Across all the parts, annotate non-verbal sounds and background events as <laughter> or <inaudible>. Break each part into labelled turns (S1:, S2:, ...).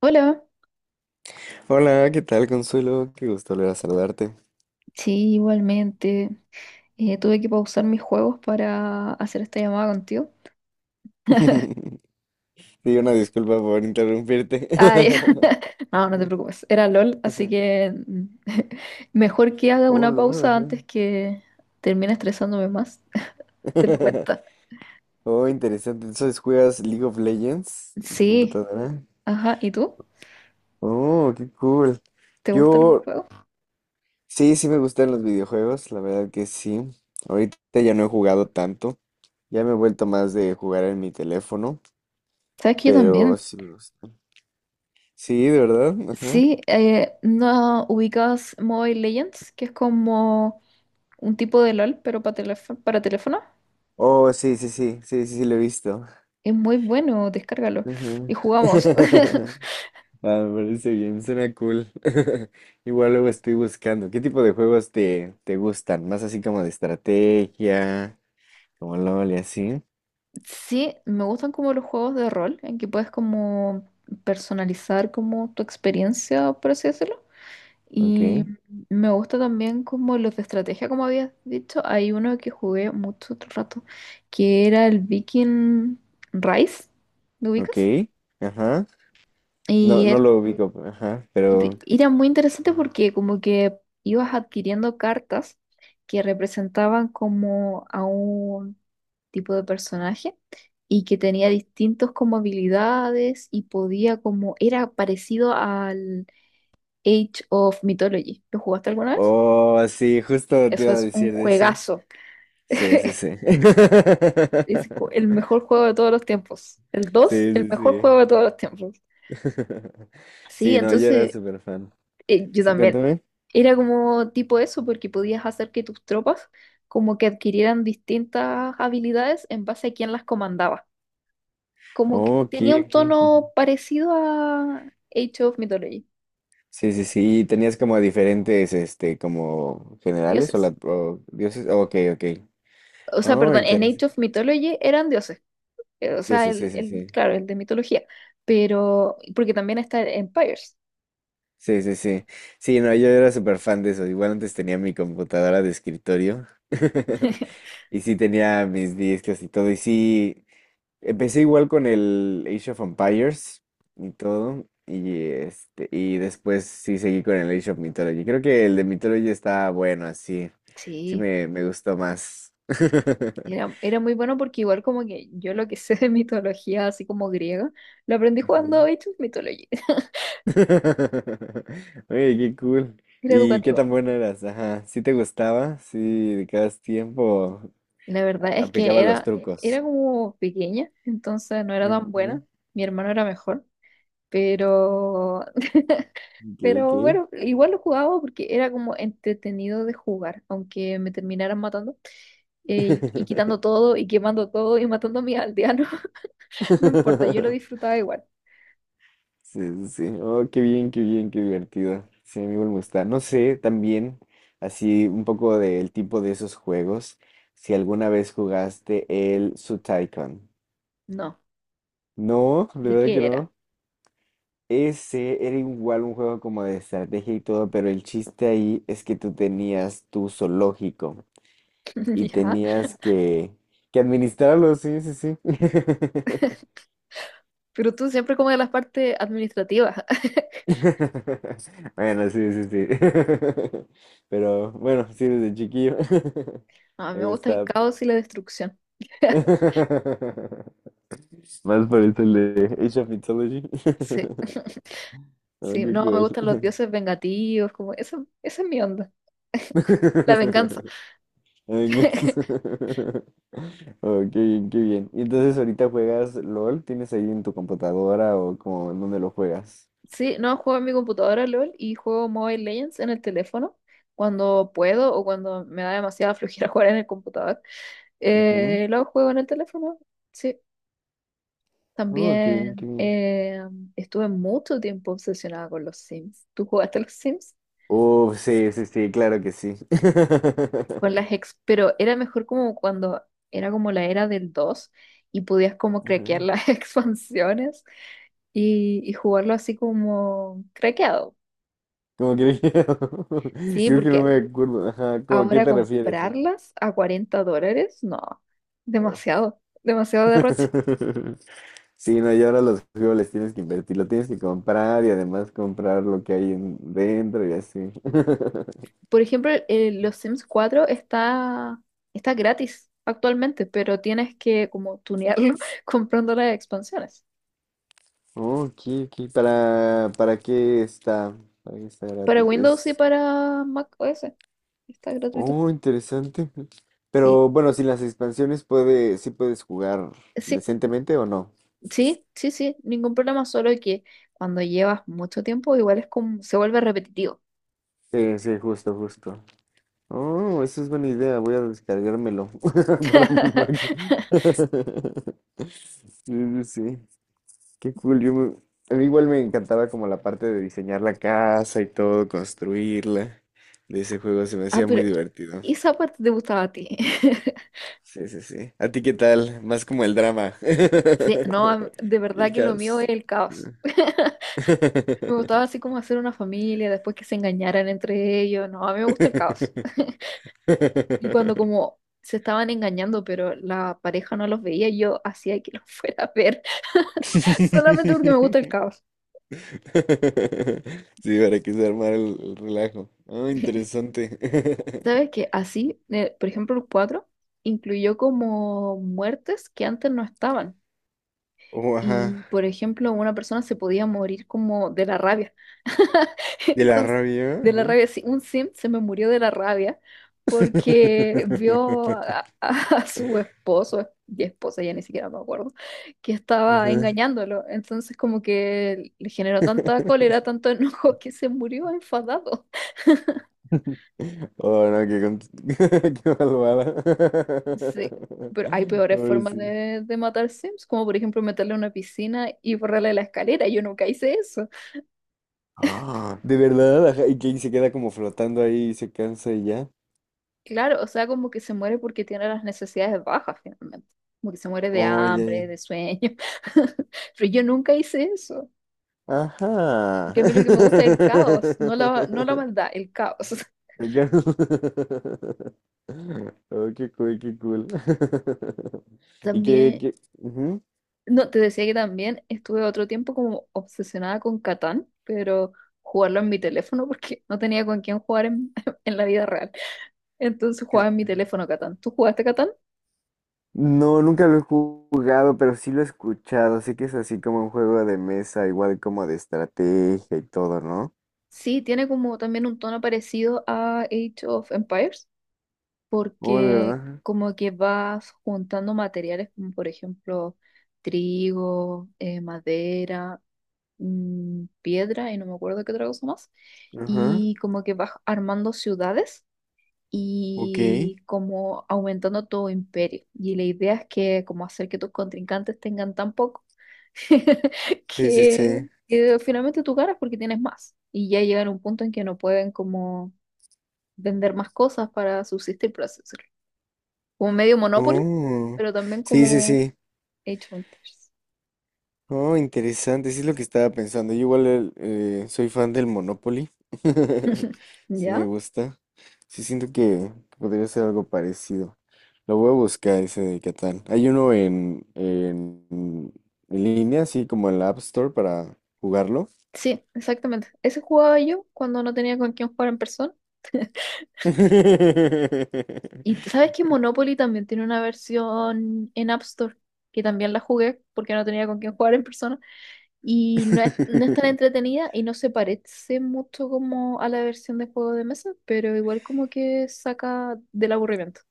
S1: Hola,
S2: Hola, ¿qué tal, Consuelo? Qué gusto volver a saludarte.
S1: sí, igualmente. Tuve que pausar mis juegos para hacer esta llamada contigo.
S2: <laughs> Sí, una disculpa por interrumpirte.
S1: Ah, ya.
S2: <laughs>
S1: <laughs> No, no te preocupes. Era LOL, así que <laughs> mejor que haga una
S2: Hola.
S1: pausa antes que termine estresándome más. <laughs> Te lo
S2: <laughs>
S1: cuenta.
S2: Oh, interesante. Entonces, ¿juegas League of Legends en tu
S1: Sí,
S2: computadora?
S1: ajá. ¿Y tú?
S2: Oh, qué cool.
S1: ¿Te gusta algún
S2: Yo,
S1: juego?
S2: sí, sí me gustan los videojuegos, la verdad que sí. Ahorita ya no he jugado tanto. Ya me he vuelto más de jugar en mi teléfono,
S1: ¿Sabes que yo
S2: pero
S1: también?
S2: sí me gusta. Sí, de verdad. Ajá.
S1: Sí, ¿no ubicas Mobile Legends? Que es como un tipo de LOL, pero para teléfono, para teléfono.
S2: Oh, sí, sí, sí, sí, sí, sí, lo he visto.
S1: Es muy bueno, descárgalo.
S2: Ujú.
S1: Y jugamos. <laughs>
S2: <laughs> Ah, me parece bien, suena cool. <laughs> Igual luego estoy buscando. ¿Qué tipo de juegos te gustan? Más así como de estrategia, como LOL y así.
S1: Sí, me gustan como los juegos de rol, en que puedes como personalizar como tu experiencia, por así decirlo.
S2: Ok,
S1: Y me gusta también como los de estrategia, como habías dicho. Hay uno que jugué mucho otro rato, que era el Viking Rise, ¿lo
S2: ok,
S1: ubicas?
S2: ajá. No,
S1: Y
S2: no
S1: era,
S2: lo ubico, ajá, pero...
S1: y era muy interesante porque como que ibas adquiriendo cartas que representaban como a un tipo de personaje y que tenía distintos como habilidades y podía como, era parecido al Age of Mythology. ¿Lo jugaste alguna vez?
S2: Oh, sí, justo te
S1: Eso
S2: iba a
S1: es un
S2: decir de ese.
S1: juegazo.
S2: Sí, sí,
S1: <laughs>
S2: sí.
S1: El mejor
S2: <laughs>
S1: juego de todos los tiempos. El
S2: Sí,
S1: dos, el
S2: sí,
S1: mejor juego
S2: sí.
S1: de todos los tiempos.
S2: <laughs>
S1: Sí,
S2: Sí, no, yo era
S1: entonces
S2: súper fan.
S1: yo
S2: Sí,
S1: también.
S2: cuéntame.
S1: Era como tipo eso, porque podías hacer que tus tropas como que adquirieran distintas habilidades en base a quién las comandaba. Como que
S2: Oh, ok,
S1: tenía un
S2: ok.
S1: tono parecido a Age of Mythology,
S2: Sí, sí, sí. ¿Y tenías como diferentes, este, como generales o,
S1: dioses.
S2: la, o dioses? Oh, ok, ok.
S1: O sea,
S2: Oh,
S1: perdón, en
S2: interesante.
S1: Age of Mythology eran dioses. O sea,
S2: Dioses, sí, sí, sí.
S1: claro, el de mitología. Pero, porque también está el Empires.
S2: Sí, sí, sí. Sí, sí, no, yo era súper fan de eso. Igual antes tenía mi computadora de escritorio. <laughs>
S1: <laughs>
S2: Y sí tenía mis discos y todo. Y sí, empecé igual con el Age of Empires y todo. Y este, y después sí seguí con el Age of Mythology. Creo que el de Mythology está bueno, así. Sí
S1: Sí,
S2: me gustó más. <laughs>
S1: era muy bueno porque igual como que yo lo que sé de mitología, así como griega, lo aprendí jugando
S2: Ujú.
S1: Age of Mythology. <laughs>
S2: <laughs> Oye, qué cool.
S1: Era
S2: ¿Y qué
S1: educativo.
S2: tan buena eras? Ajá. ¿Sí te gustaba? ¿Sí dedicabas tiempo?
S1: La
S2: A-
S1: verdad es que
S2: Aplicaba los
S1: era
S2: trucos.
S1: como pequeña, entonces no era tan buena.
S2: Ajá.
S1: Mi hermano era mejor, pero <laughs>
S2: Ok,
S1: pero bueno, igual lo jugaba porque era como entretenido de jugar, aunque me terminaran matando y quitando todo y quemando todo y matando a mis aldeanos. <laughs> No importa, yo lo
S2: ok. <laughs>
S1: disfrutaba igual.
S2: Sí, sí, sí. Oh, qué bien, qué bien, qué divertido. Sí, a mí igual me gusta. No sé, también, así un poco del tipo de esos juegos, si alguna vez jugaste el Sutaicon.
S1: No,
S2: No, de
S1: ¿de
S2: verdad que
S1: qué era?
S2: no. Ese era igual un juego como de estrategia y todo, pero el chiste ahí es que tú tenías tu zoológico
S1: <laughs>
S2: y
S1: Ya.
S2: tenías que administrarlo, sí, sí, sí. <laughs>
S1: Pero tú siempre como de las partes administrativas. <laughs>
S2: <laughs> Bueno, sí, sí, sí. <laughs> Pero bueno, sí, desde chiquillo <laughs>
S1: A mí me
S2: me
S1: gusta el
S2: gustaba, pero
S1: caos y la destrucción. <laughs>
S2: <laughs> más por esto el de Age of Mythology. <laughs>
S1: Sí,
S2: Oh,
S1: sí,
S2: qué
S1: no, me
S2: cool.
S1: gustan los dioses vengativos, como eso, esa es mi onda. <laughs> La venganza.
S2: <laughs> Ay, qué
S1: <laughs>
S2: <laughs> Oh, qué bien, qué bien. Y entonces ahorita juegas LOL, ¿tienes ahí en tu computadora o como en dónde lo juegas?
S1: Sí, no, juego en mi computadora LOL y juego Mobile Legends en el teléfono cuando puedo o cuando me da demasiada flojera <laughs> jugar en el computador. Lo juego en el teléfono, sí.
S2: Ujú. Oh, qué bien, qué
S1: También
S2: bien.
S1: estuve mucho tiempo obsesionada con los Sims. ¿Tú jugaste a los Sims?
S2: Oh, sí, sí, sí, claro que sí. <laughs>
S1: Pero era mejor como cuando era como la era del 2 y podías como craquear
S2: Ujú.
S1: las <laughs> expansiones y jugarlo así como craqueado.
S2: ¿Cómo crees que? <laughs>
S1: Sí,
S2: Creo que no
S1: porque
S2: me acuerdo. Ajá, ¿cómo- ¿a qué
S1: ahora
S2: te refieres?
S1: comprarlas a $40, no,
S2: Ah.
S1: demasiado, demasiado derroche.
S2: <laughs> Sí, no, y ahora los juegos les tienes que invertir, lo tienes que comprar y además comprar lo que hay en- dentro y así. <laughs>
S1: Por ejemplo, los Sims 4 está gratis actualmente, pero tienes que como tunearlo <laughs> comprando las expansiones.
S2: Oh, aquí, aquí, ¿para qué está? ¿Para qué está
S1: Para
S2: gratis?
S1: Windows y
S2: Es,
S1: para Mac OS está gratuito.
S2: oh, interesante.
S1: Sí,
S2: Pero bueno, sin las expansiones puede, sí puedes jugar
S1: sí,
S2: decentemente o no.
S1: sí, sí, sí, ningún problema, solo que cuando llevas mucho tiempo igual es como, se vuelve repetitivo.
S2: Sí, sí, justo, justo. Oh, esa es buena idea. Voy a descargármelo <laughs> para mi Mac.
S1: <laughs>
S2: <laughs> Sí, sí, sí. Qué cool. Yo me- a mí igual me encantaba como la parte de diseñar la casa y todo, construirla. De ese juego se me
S1: Ah,
S2: hacía muy
S1: pero
S2: divertido.
S1: esa parte te gustaba a ti. <laughs>
S2: Sí, sí, sí. ¿A ti qué tal? Más como el drama.
S1: Sí, no, a-
S2: <laughs>
S1: de
S2: Y
S1: verdad
S2: el
S1: que lo mío
S2: caos.
S1: es el caos. <laughs> Me gustaba así como hacer una familia, después que se engañaran entre ellos. No, a mí me gusta el caos. Y cuando
S2: <laughs>
S1: como se estaban engañando, pero la pareja no los veía, yo hacía que los <laughs> fuera a ver,
S2: <laughs>
S1: solamente porque me gusta el
S2: <laughs>
S1: caos.
S2: Sí, para que se armara el relajo. Ah, interesante. <laughs>
S1: ¿Sabes qué? Así, por ejemplo, el 4 incluyó como muertes que antes no estaban.
S2: Oh, ajá.
S1: Y, por ejemplo, una persona se podía morir como de la rabia. <laughs>
S2: De la
S1: Entonces,
S2: rabia.
S1: de la
S2: Ajá.
S1: rabia, sí, un sim se me murió de la rabia porque vio
S2: <laughs>
S1: <laughs> a su esposo y esposa, ya ni siquiera me acuerdo, que estaba
S2: Ajá.
S1: engañándolo. Entonces, como que le generó tanta cólera,
S2: <laughs>
S1: tanto <laughs> enojo que se murió enfadado.
S2: Oh, no, qué, con- <laughs> qué malvada.
S1: Sí, pero hay
S2: <laughs>
S1: peores
S2: Ahora
S1: formas
S2: sí.
S1: de matar sims, como por ejemplo meterle a una piscina y borrarle la escalera. Yo nunca hice eso.
S2: Ah, de verdad, ajá. Y que ahí se queda como flotando ahí y se cansa y ya.
S1: Claro, o sea, como que se muere porque tiene las necesidades bajas finalmente. Como que se muere de hambre,
S2: Oye.
S1: de sueño. <laughs> Pero yo nunca hice eso.
S2: Ajá.
S1: Porque a mí lo que me gusta es el caos, no la
S2: <laughs>
S1: maldad, el caos. <laughs>
S2: Venga. <laughs> Oh, qué cool, qué cool. <laughs> Y
S1: También,
S2: que- ujú.
S1: no, te decía que también estuve otro tiempo como obsesionada con Catán, pero jugarlo en mi teléfono porque no tenía con quién jugar en, <laughs> en la vida real. Entonces jugaba
S2: Ca-
S1: en mi teléfono Catán. ¿Tú jugaste Catán?
S2: no, nunca lo he jugado, pero sí lo he escuchado. Sé que es así como un juego de mesa, igual como de estrategia y todo, ¿no?
S1: Sí, tiene como también un tono parecido a Age of Empires
S2: Oh, de
S1: porque
S2: verdad.
S1: como que vas juntando materiales como por ejemplo trigo, madera, piedra y no me acuerdo qué otra cosa más,
S2: Ajá.
S1: y como que vas armando ciudades
S2: Ok.
S1: y
S2: Sí,
S1: como aumentando tu imperio. Y la idea es que como hacer que tus contrincantes tengan tan poco <laughs>
S2: sí,
S1: que,
S2: sí.
S1: que finalmente tú ganas porque tienes más. Y ya llegan a un punto en que no pueden como vender más cosas para subsistir, por así decirlo como medio Monopoly,
S2: Oh.
S1: pero también
S2: Sí, sí,
S1: como
S2: sí.
S1: Age of Empires.
S2: Oh, interesante, sí es lo que estaba pensando. Yo igual el- soy fan del Monopoly. <laughs>
S1: <laughs>
S2: Sí me
S1: ¿Ya?
S2: gusta. Sí siento que podría ser algo parecido. Lo voy a buscar ese de Catán. Hay uno en línea, así como en la App Store para jugarlo.
S1: Sí, exactamente. Ese jugaba yo cuando no tenía con quién jugar en persona.
S2: <laughs>
S1: Y t- sabes que Monopoly también tiene una versión en App Store, que también la jugué porque no tenía con quién jugar en persona. Y no es tan
S2: <laughs>
S1: entretenida y no se parece mucho como a la versión de juego de mesa, pero igual como que saca del aburrimiento.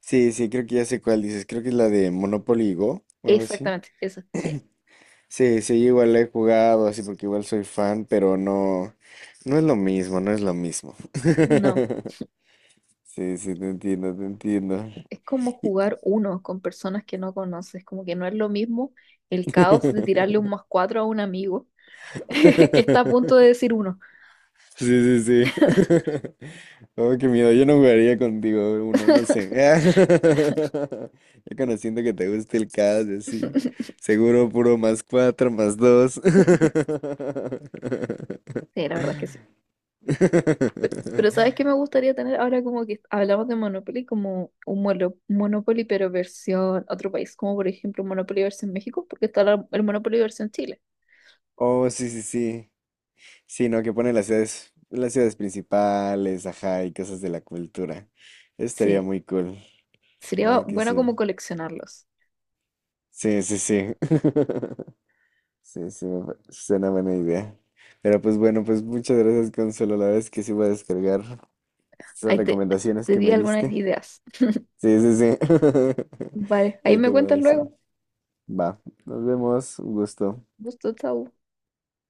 S2: Sí, sí, creo que ya sé cuál dices. Creo que es la de Monopoly Go o algo así.
S1: Exactamente, esa, sí.
S2: Sí, sí, yo igual he jugado, así porque igual soy fan, pero no, no es lo mismo, no es lo mismo.
S1: No.
S2: <laughs> Sí, sí, te entiendo, te entiendo.
S1: Es como
S2: Y-
S1: jugar uno con personas que no conoces, como que no es lo mismo el caos de tirarle un más
S2: <laughs>
S1: cuatro a un amigo <laughs> que está a punto de decir uno.
S2: Sí, sí, sí. <laughs> Oh, qué miedo, yo no jugaría contigo uno, no sé. <laughs>
S1: <laughs>
S2: Ya conociendo que te gusta el caso, así. Seguro puro +4, +2. <laughs>
S1: Sí, la verdad es que sí. Pero ¿sabes qué
S2: <laughs>
S1: me gustaría tener ahora como que hablamos de Monopoly, como un Monopoly pero versión otro país, como por ejemplo un Monopoly versión México, porque está el Monopoly versión Chile?
S2: Oh, sí, sí, sí. Sí, no, que pone las ciudades principales, ajá, y cosas de la cultura. Eso estaría
S1: Sí,
S2: muy cool. La
S1: sería
S2: verdad que
S1: bueno
S2: sí.
S1: como coleccionarlos.
S2: Sí, sí, sí. <laughs> Sí, sí, me pa- suena buena idea. Pero pues bueno, pues muchas gracias, Consuelo. La verdad es que sí voy a descargar esas
S1: Ahí te,
S2: recomendaciones
S1: te
S2: que
S1: di
S2: me
S1: algunas
S2: diste.
S1: ideas.
S2: Sí, sí, sí. <laughs>
S1: Vale, ahí
S2: Ahí
S1: me
S2: te voy a
S1: cuentas
S2: decir.
S1: luego.
S2: Va, nos vemos. Un gusto.
S1: Gusto, chao.